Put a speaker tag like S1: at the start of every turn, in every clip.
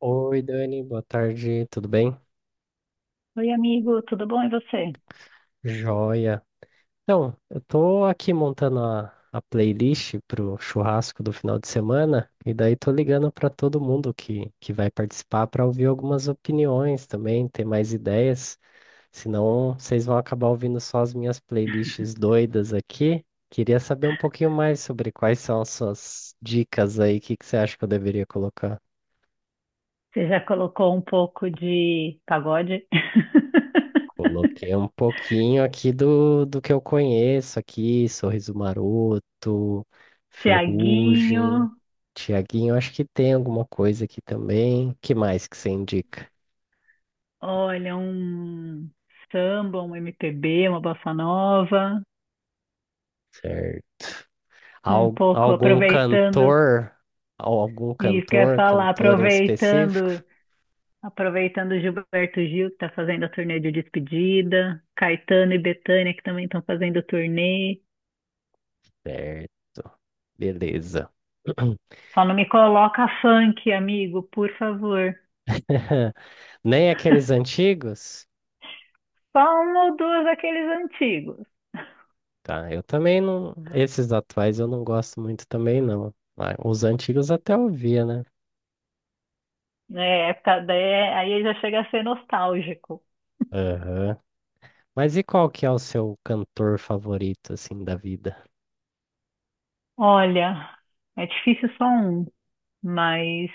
S1: Oi, Dani, boa tarde, tudo bem?
S2: Oi, amigo, tudo bom? E você?
S1: Joia. Então, eu tô aqui montando a playlist pro churrasco do final de semana e daí tô ligando para todo mundo que vai participar para ouvir algumas opiniões também, ter mais ideias. Senão, vocês vão acabar ouvindo só as minhas playlists doidas aqui. Queria saber um pouquinho mais sobre quais são as suas dicas aí, o que que você acha que eu deveria colocar?
S2: Você já colocou um pouco de pagode?
S1: Coloquei um pouquinho aqui do que eu conheço aqui, Sorriso Maroto,
S2: Tiaguinho,
S1: Ferrugem, Tiaguinho, acho que tem alguma coisa aqui também. Que mais que você indica?
S2: olha, um samba, um MPB, uma bossa nova,
S1: Certo.
S2: um pouco
S1: Algum
S2: aproveitando,
S1: cantor? Algum
S2: isso que eu ia
S1: cantor,
S2: falar,
S1: cantor em específico?
S2: aproveitando, aproveitando Gilberto Gil, que está fazendo a turnê de despedida, Caetano e Bethânia, que também estão fazendo turnê.
S1: Certo. Beleza.
S2: Só não me coloca funk, amigo, por favor.
S1: Nem aqueles antigos?
S2: Só um ou dois daqueles antigos.
S1: Tá, eu também não. Esses atuais eu não gosto muito também, não. Ah, os antigos até ouvia, né?
S2: É, é, aí já chega a ser nostálgico.
S1: Aham. Mas e qual que é o seu cantor favorito, assim, da vida?
S2: Olha, é difícil só um, mas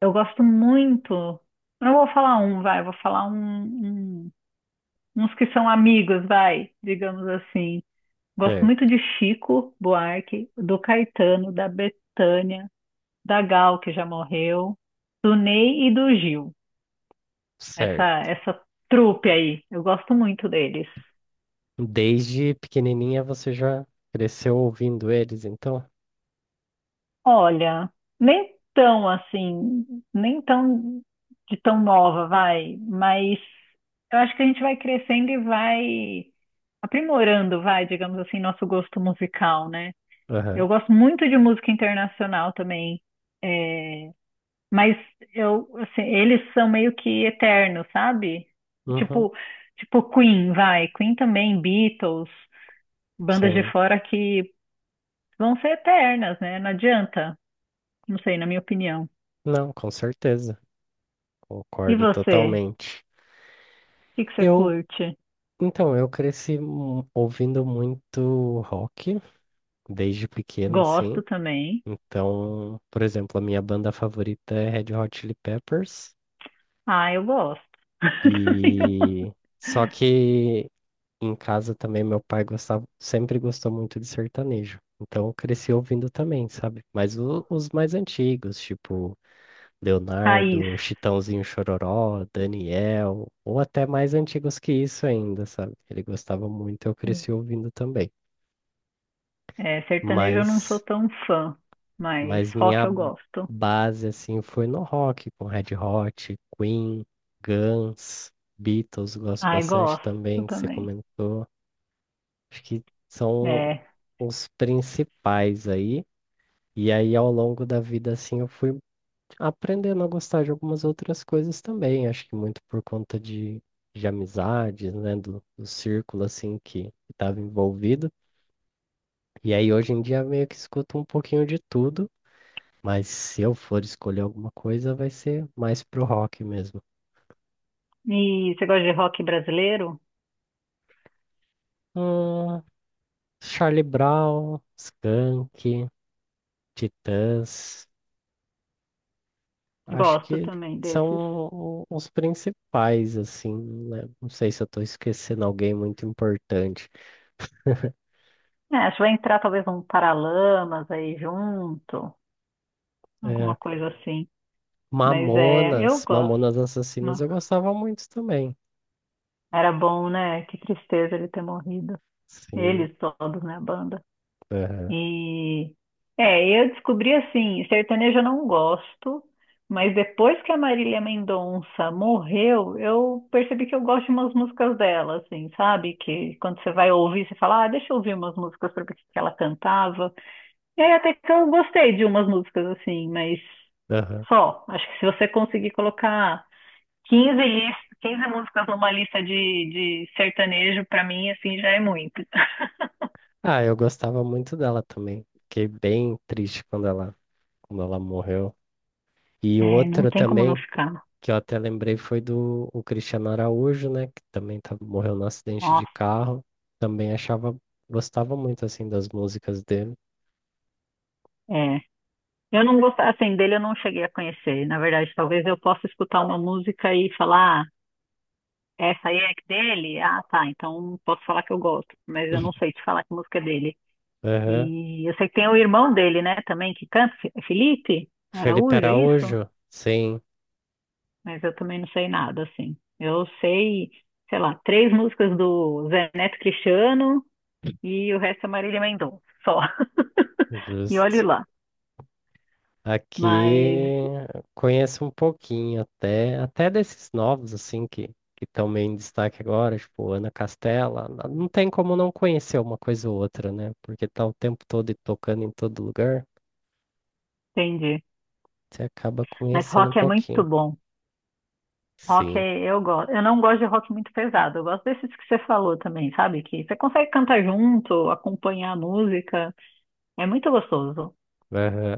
S2: eu gosto muito. Eu Não vou falar um, vai, eu vou falar um, um- uns que são amigos, vai, digamos assim. Gosto muito
S1: Certo.
S2: de Chico Buarque, do Caetano, da Bethânia, da Gal, que já morreu, do Ney e do Gil. Essa,
S1: Certo.
S2: essa trupe aí, eu gosto muito deles.
S1: Desde pequenininha você já cresceu ouvindo eles, então?
S2: Olha, nem tão assim, nem tão de tão nova, vai, mas eu acho que a gente vai crescendo e vai aprimorando, vai, digamos assim, nosso gosto musical, né?
S1: Aham.
S2: Eu gosto muito de música internacional também, é, mas eu, assim, eles são meio que eternos, sabe?
S1: Uhum.
S2: Tipo, tipo Queen, vai, Queen também, Beatles, bandas de
S1: Sim.
S2: fora que vão ser eternas, né? Não adianta, não sei, na minha opinião.
S1: Não, com certeza.
S2: E
S1: Concordo
S2: você?
S1: totalmente.
S2: O que que você
S1: Eu,
S2: curte?
S1: então, eu cresci ouvindo muito rock desde pequeno, assim.
S2: Gosto também.
S1: Então, por exemplo, a minha banda favorita é Red Hot Chili Peppers
S2: Ah, eu gosto. Também eu-
S1: e só que em casa também meu pai gostava, sempre gostou muito de sertanejo. Então, eu cresci ouvindo também, sabe? Mas os mais antigos, tipo
S2: Raiz.
S1: Leonardo, Chitãozinho Chororó, Daniel, ou até mais antigos que isso ainda, sabe? Ele gostava muito, eu cresci ouvindo também.
S2: É, sertanejo eu não sou
S1: Mas
S2: tão fã, mas
S1: Mas
S2: rock
S1: minha
S2: eu gosto.
S1: base, assim, foi no rock, com Red Hot, Queen, Guns, Beatles, gosto
S2: Ai,
S1: bastante
S2: gosto
S1: também, que você
S2: também.
S1: comentou. Acho que são
S2: É.
S1: os principais aí. E aí, ao longo da vida, assim, eu fui aprendendo a gostar de algumas outras coisas também. Acho que muito por conta de amizades, né, do círculo, assim, que estava envolvido. E aí, hoje em dia, meio que escuto um pouquinho de tudo. Mas se eu for escolher alguma coisa, vai ser mais pro rock mesmo.
S2: E você gosta de rock brasileiro?
S1: Hum, Charlie Brown, Skank, Titãs, acho
S2: Gosto
S1: que
S2: também
S1: são
S2: desses.
S1: os principais, assim, né? Não sei se eu tô esquecendo alguém muito importante.
S2: É, acho que vai entrar talvez um Paralamas aí junto,
S1: É,
S2: alguma coisa assim. Mas é, eu
S1: Mamonas,
S2: gosto.
S1: Mamonas Assassinas eu gostava muito também.
S2: Era bom, né? Que tristeza ele ter morrido.
S1: Sim,
S2: Eles todos na banda.
S1: aham,
S2: E é, eu descobri assim, sertanejo eu não gosto, mas depois que a Marília Mendonça morreu, eu percebi que eu gosto de umas músicas dela, assim, sabe? Que quando você vai ouvir, você fala, ah, deixa eu ouvir umas músicas pra ver o que que ela cantava. E aí até que eu gostei de umas músicas assim, mas
S1: aham.
S2: só. Acho que se você conseguir colocar 15 músicas numa lista de sertanejo, pra mim, assim, já é muito.
S1: Ah, eu gostava muito dela também. Fiquei bem triste quando ela morreu. E
S2: É, não
S1: outra
S2: tem como não
S1: também
S2: ficar.
S1: que eu até lembrei foi do o Cristiano Araújo, né? Que também tá, morreu no acidente de
S2: Nossa,
S1: carro. Também achava, Gostava muito assim das músicas dele.
S2: é. Eu não gostava, assim, dele eu não cheguei a conhecer. Na verdade, talvez eu possa escutar uma música e falar, "Ah, essa aí é dele? Ah, tá, então posso falar que eu gosto. Mas eu não sei te falar que música é dele.
S1: Aham.
S2: E eu sei que tem o irmão dele, né, também, que canta, Felipe
S1: Felipe
S2: Araújo, é isso?
S1: Araújo? Sim,
S2: Mas eu também não sei nada, assim. Eu sei, sei lá, três músicas do Zé Neto Cristiano e o resto é Marília Mendonça, só. E olhe
S1: justo.
S2: lá. Mas
S1: Aqui conheço um pouquinho até desses novos assim que estão meio em destaque agora, tipo Ana Castela, não tem como não conhecer uma coisa ou outra, né? Porque tá o tempo todo e tocando em todo lugar,
S2: Entendi.
S1: você acaba
S2: Mas
S1: conhecendo um
S2: rock é muito
S1: pouquinho.
S2: bom. Rock
S1: Sim.
S2: é, eu gosto. Eu não gosto de rock muito pesado. Eu gosto desses que você falou também, sabe? Que você consegue cantar junto, acompanhar a música. É muito gostoso.
S1: Aham.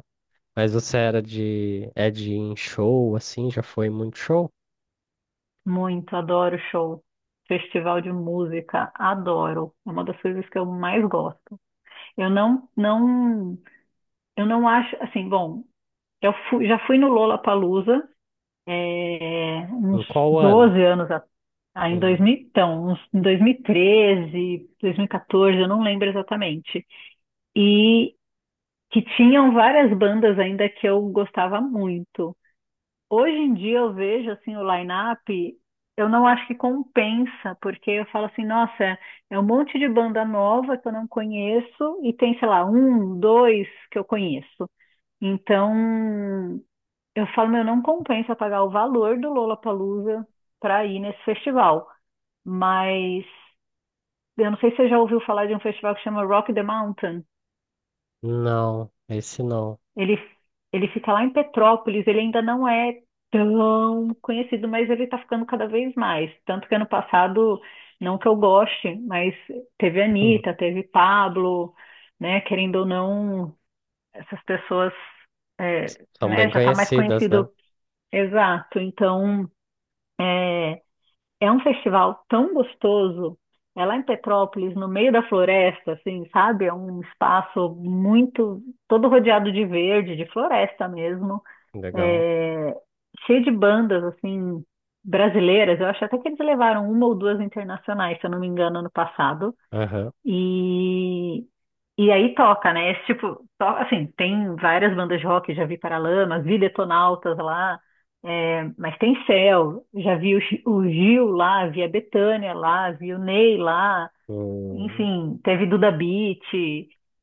S1: Mas você era de. É de ir em show, assim? Já foi muito show?
S2: Muito, adoro show. Festival de música, adoro. É uma das coisas que eu mais gosto. Eu não, não, eu não acho, assim, bom, já fui no Lollapalooza
S1: Em
S2: uns
S1: qual ano?
S2: 12 anos atrás. Ah, em dois
S1: Hum,
S2: mil então, uns, Em 2013, 2014, eu não lembro exatamente. E que tinham várias bandas ainda que eu gostava muito. Hoje em dia eu vejo assim o line-up, eu não acho que compensa, porque eu falo assim, nossa, é um monte de banda nova que eu não conheço e tem, sei lá, um, dois que eu conheço. Então, eu falo, meu, não compensa pagar o valor do Lollapalooza para ir nesse festival. Mas eu não sei se você já ouviu falar de um festival que chama Rock the Mountain.
S1: Não, esse não.
S2: Ele, ele fica lá em Petrópolis, ele ainda não é tão conhecido, mas ele está ficando cada vez mais. Tanto que ano passado, não que eu goste, mas teve Anitta, teve Pablo, né? Querendo ou não, essas pessoas, é,
S1: São bem
S2: né, já está mais
S1: conhecidas, né?
S2: conhecido. Exato. Então, é um festival tão gostoso. É lá em Petrópolis, no meio da floresta, assim, sabe? É um espaço muito, todo rodeado de verde, de floresta mesmo.
S1: Legal.
S2: É, cheio de bandas, assim, brasileiras. Eu acho até que eles levaram uma ou duas internacionais, se eu não me engano, ano passado.
S1: Aham.
S2: E, e aí toca, né? Esse tipo, to- assim, tem várias bandas de rock, já vi Paralamas, vi Detonautas lá, é, mas tem Céu, já vi o Gil lá, vi a Bethânia lá, vi o Ney lá,
S1: Hum,
S2: enfim, teve Duda Beat,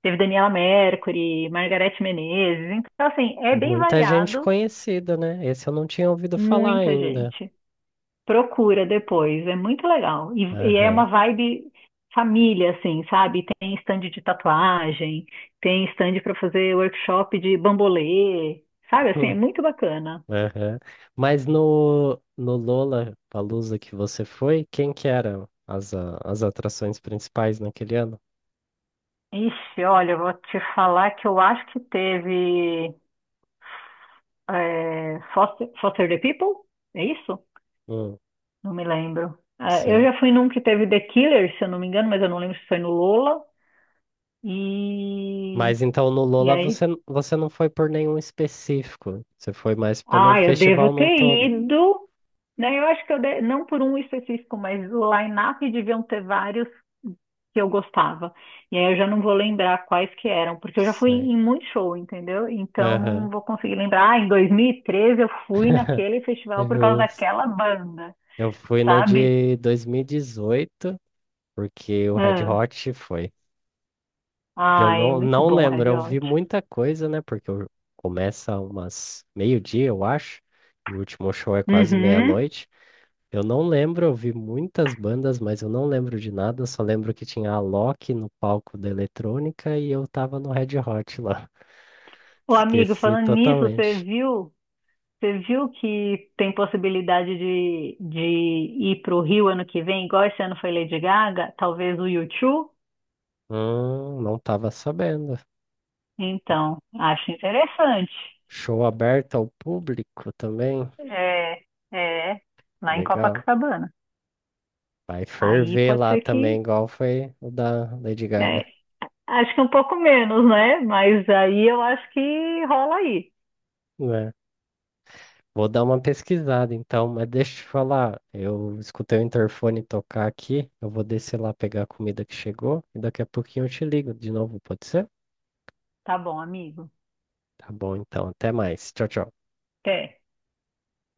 S2: teve Daniela Mercury, Margareth Menezes, então assim, é bem
S1: muita gente
S2: variado,
S1: conhecida, né? Esse eu não tinha ouvido falar
S2: muita
S1: ainda.
S2: gente. Procura depois, é muito legal. E é
S1: Aham.
S2: uma vibe família, assim, sabe? Tem stand de tatuagem, tem stand para fazer workshop de bambolê, sabe? Assim, é
S1: Hum,
S2: muito bacana.
S1: aham. Mas no Lola Palusa que você foi, quem que eram as atrações principais naquele ano?
S2: Ixi, olha, eu vou te falar que eu acho que teve Foster the People, é isso?
S1: Hum,
S2: Não me lembro. É, eu
S1: sei.
S2: já fui num que teve The Killers, se eu não me engano, mas eu não lembro se foi no Lola.
S1: Mas
S2: E,
S1: então no
S2: e
S1: Lola você,
S2: aí
S1: você não foi por nenhum específico, você foi mais pelo
S2: Ah, eu devo
S1: festival num
S2: ter
S1: todo.
S2: ido, né? Eu acho que não por um específico, mas o line-up deviam ter vários que eu gostava. E aí eu já não vou lembrar quais que eram, porque eu já fui
S1: Sei.
S2: em muito show, entendeu? Então
S1: Aham.
S2: não vou conseguir lembrar. Ah, em 2013 eu fui naquele festival por causa
S1: Justo.
S2: daquela banda,
S1: Eu fui no
S2: sabe?
S1: de 2018 porque o Red
S2: Ah,
S1: Hot foi. Eu
S2: ai, muito
S1: não
S2: bom,
S1: lembro,
S2: Red
S1: eu vi
S2: Hot.
S1: muita coisa, né? Começa umas meio-dia, eu acho, e o último show é quase
S2: Uhum.
S1: meia-noite. Eu não lembro, eu vi muitas bandas, mas eu não lembro de nada, só lembro que tinha a Loki no palco da eletrônica e eu tava no Red Hot lá.
S2: Ô, amigo,
S1: Esqueci
S2: falando nisso, você
S1: totalmente.
S2: viu? Você viu que tem possibilidade de ir para o Rio ano que vem, igual esse ano foi Lady Gaga? Talvez o U2?
S1: Não tava sabendo.
S2: Então, acho interessante.
S1: Show aberto ao público também.
S2: É, é, lá em
S1: Legal.
S2: Copacabana.
S1: Vai
S2: Aí
S1: ferver
S2: pode
S1: lá
S2: ser
S1: também,
S2: que.
S1: igual foi o da Lady Gaga.
S2: É, acho que um pouco menos, né? Mas aí eu acho que rola aí.
S1: É. Vou dar uma pesquisada então, mas deixa eu te falar, eu escutei o interfone tocar aqui, eu vou descer lá pegar a comida que chegou e daqui a pouquinho eu te ligo de novo, pode ser?
S2: Tá bom, amigo.
S1: Tá bom, então, até mais. Tchau, tchau.
S2: Até.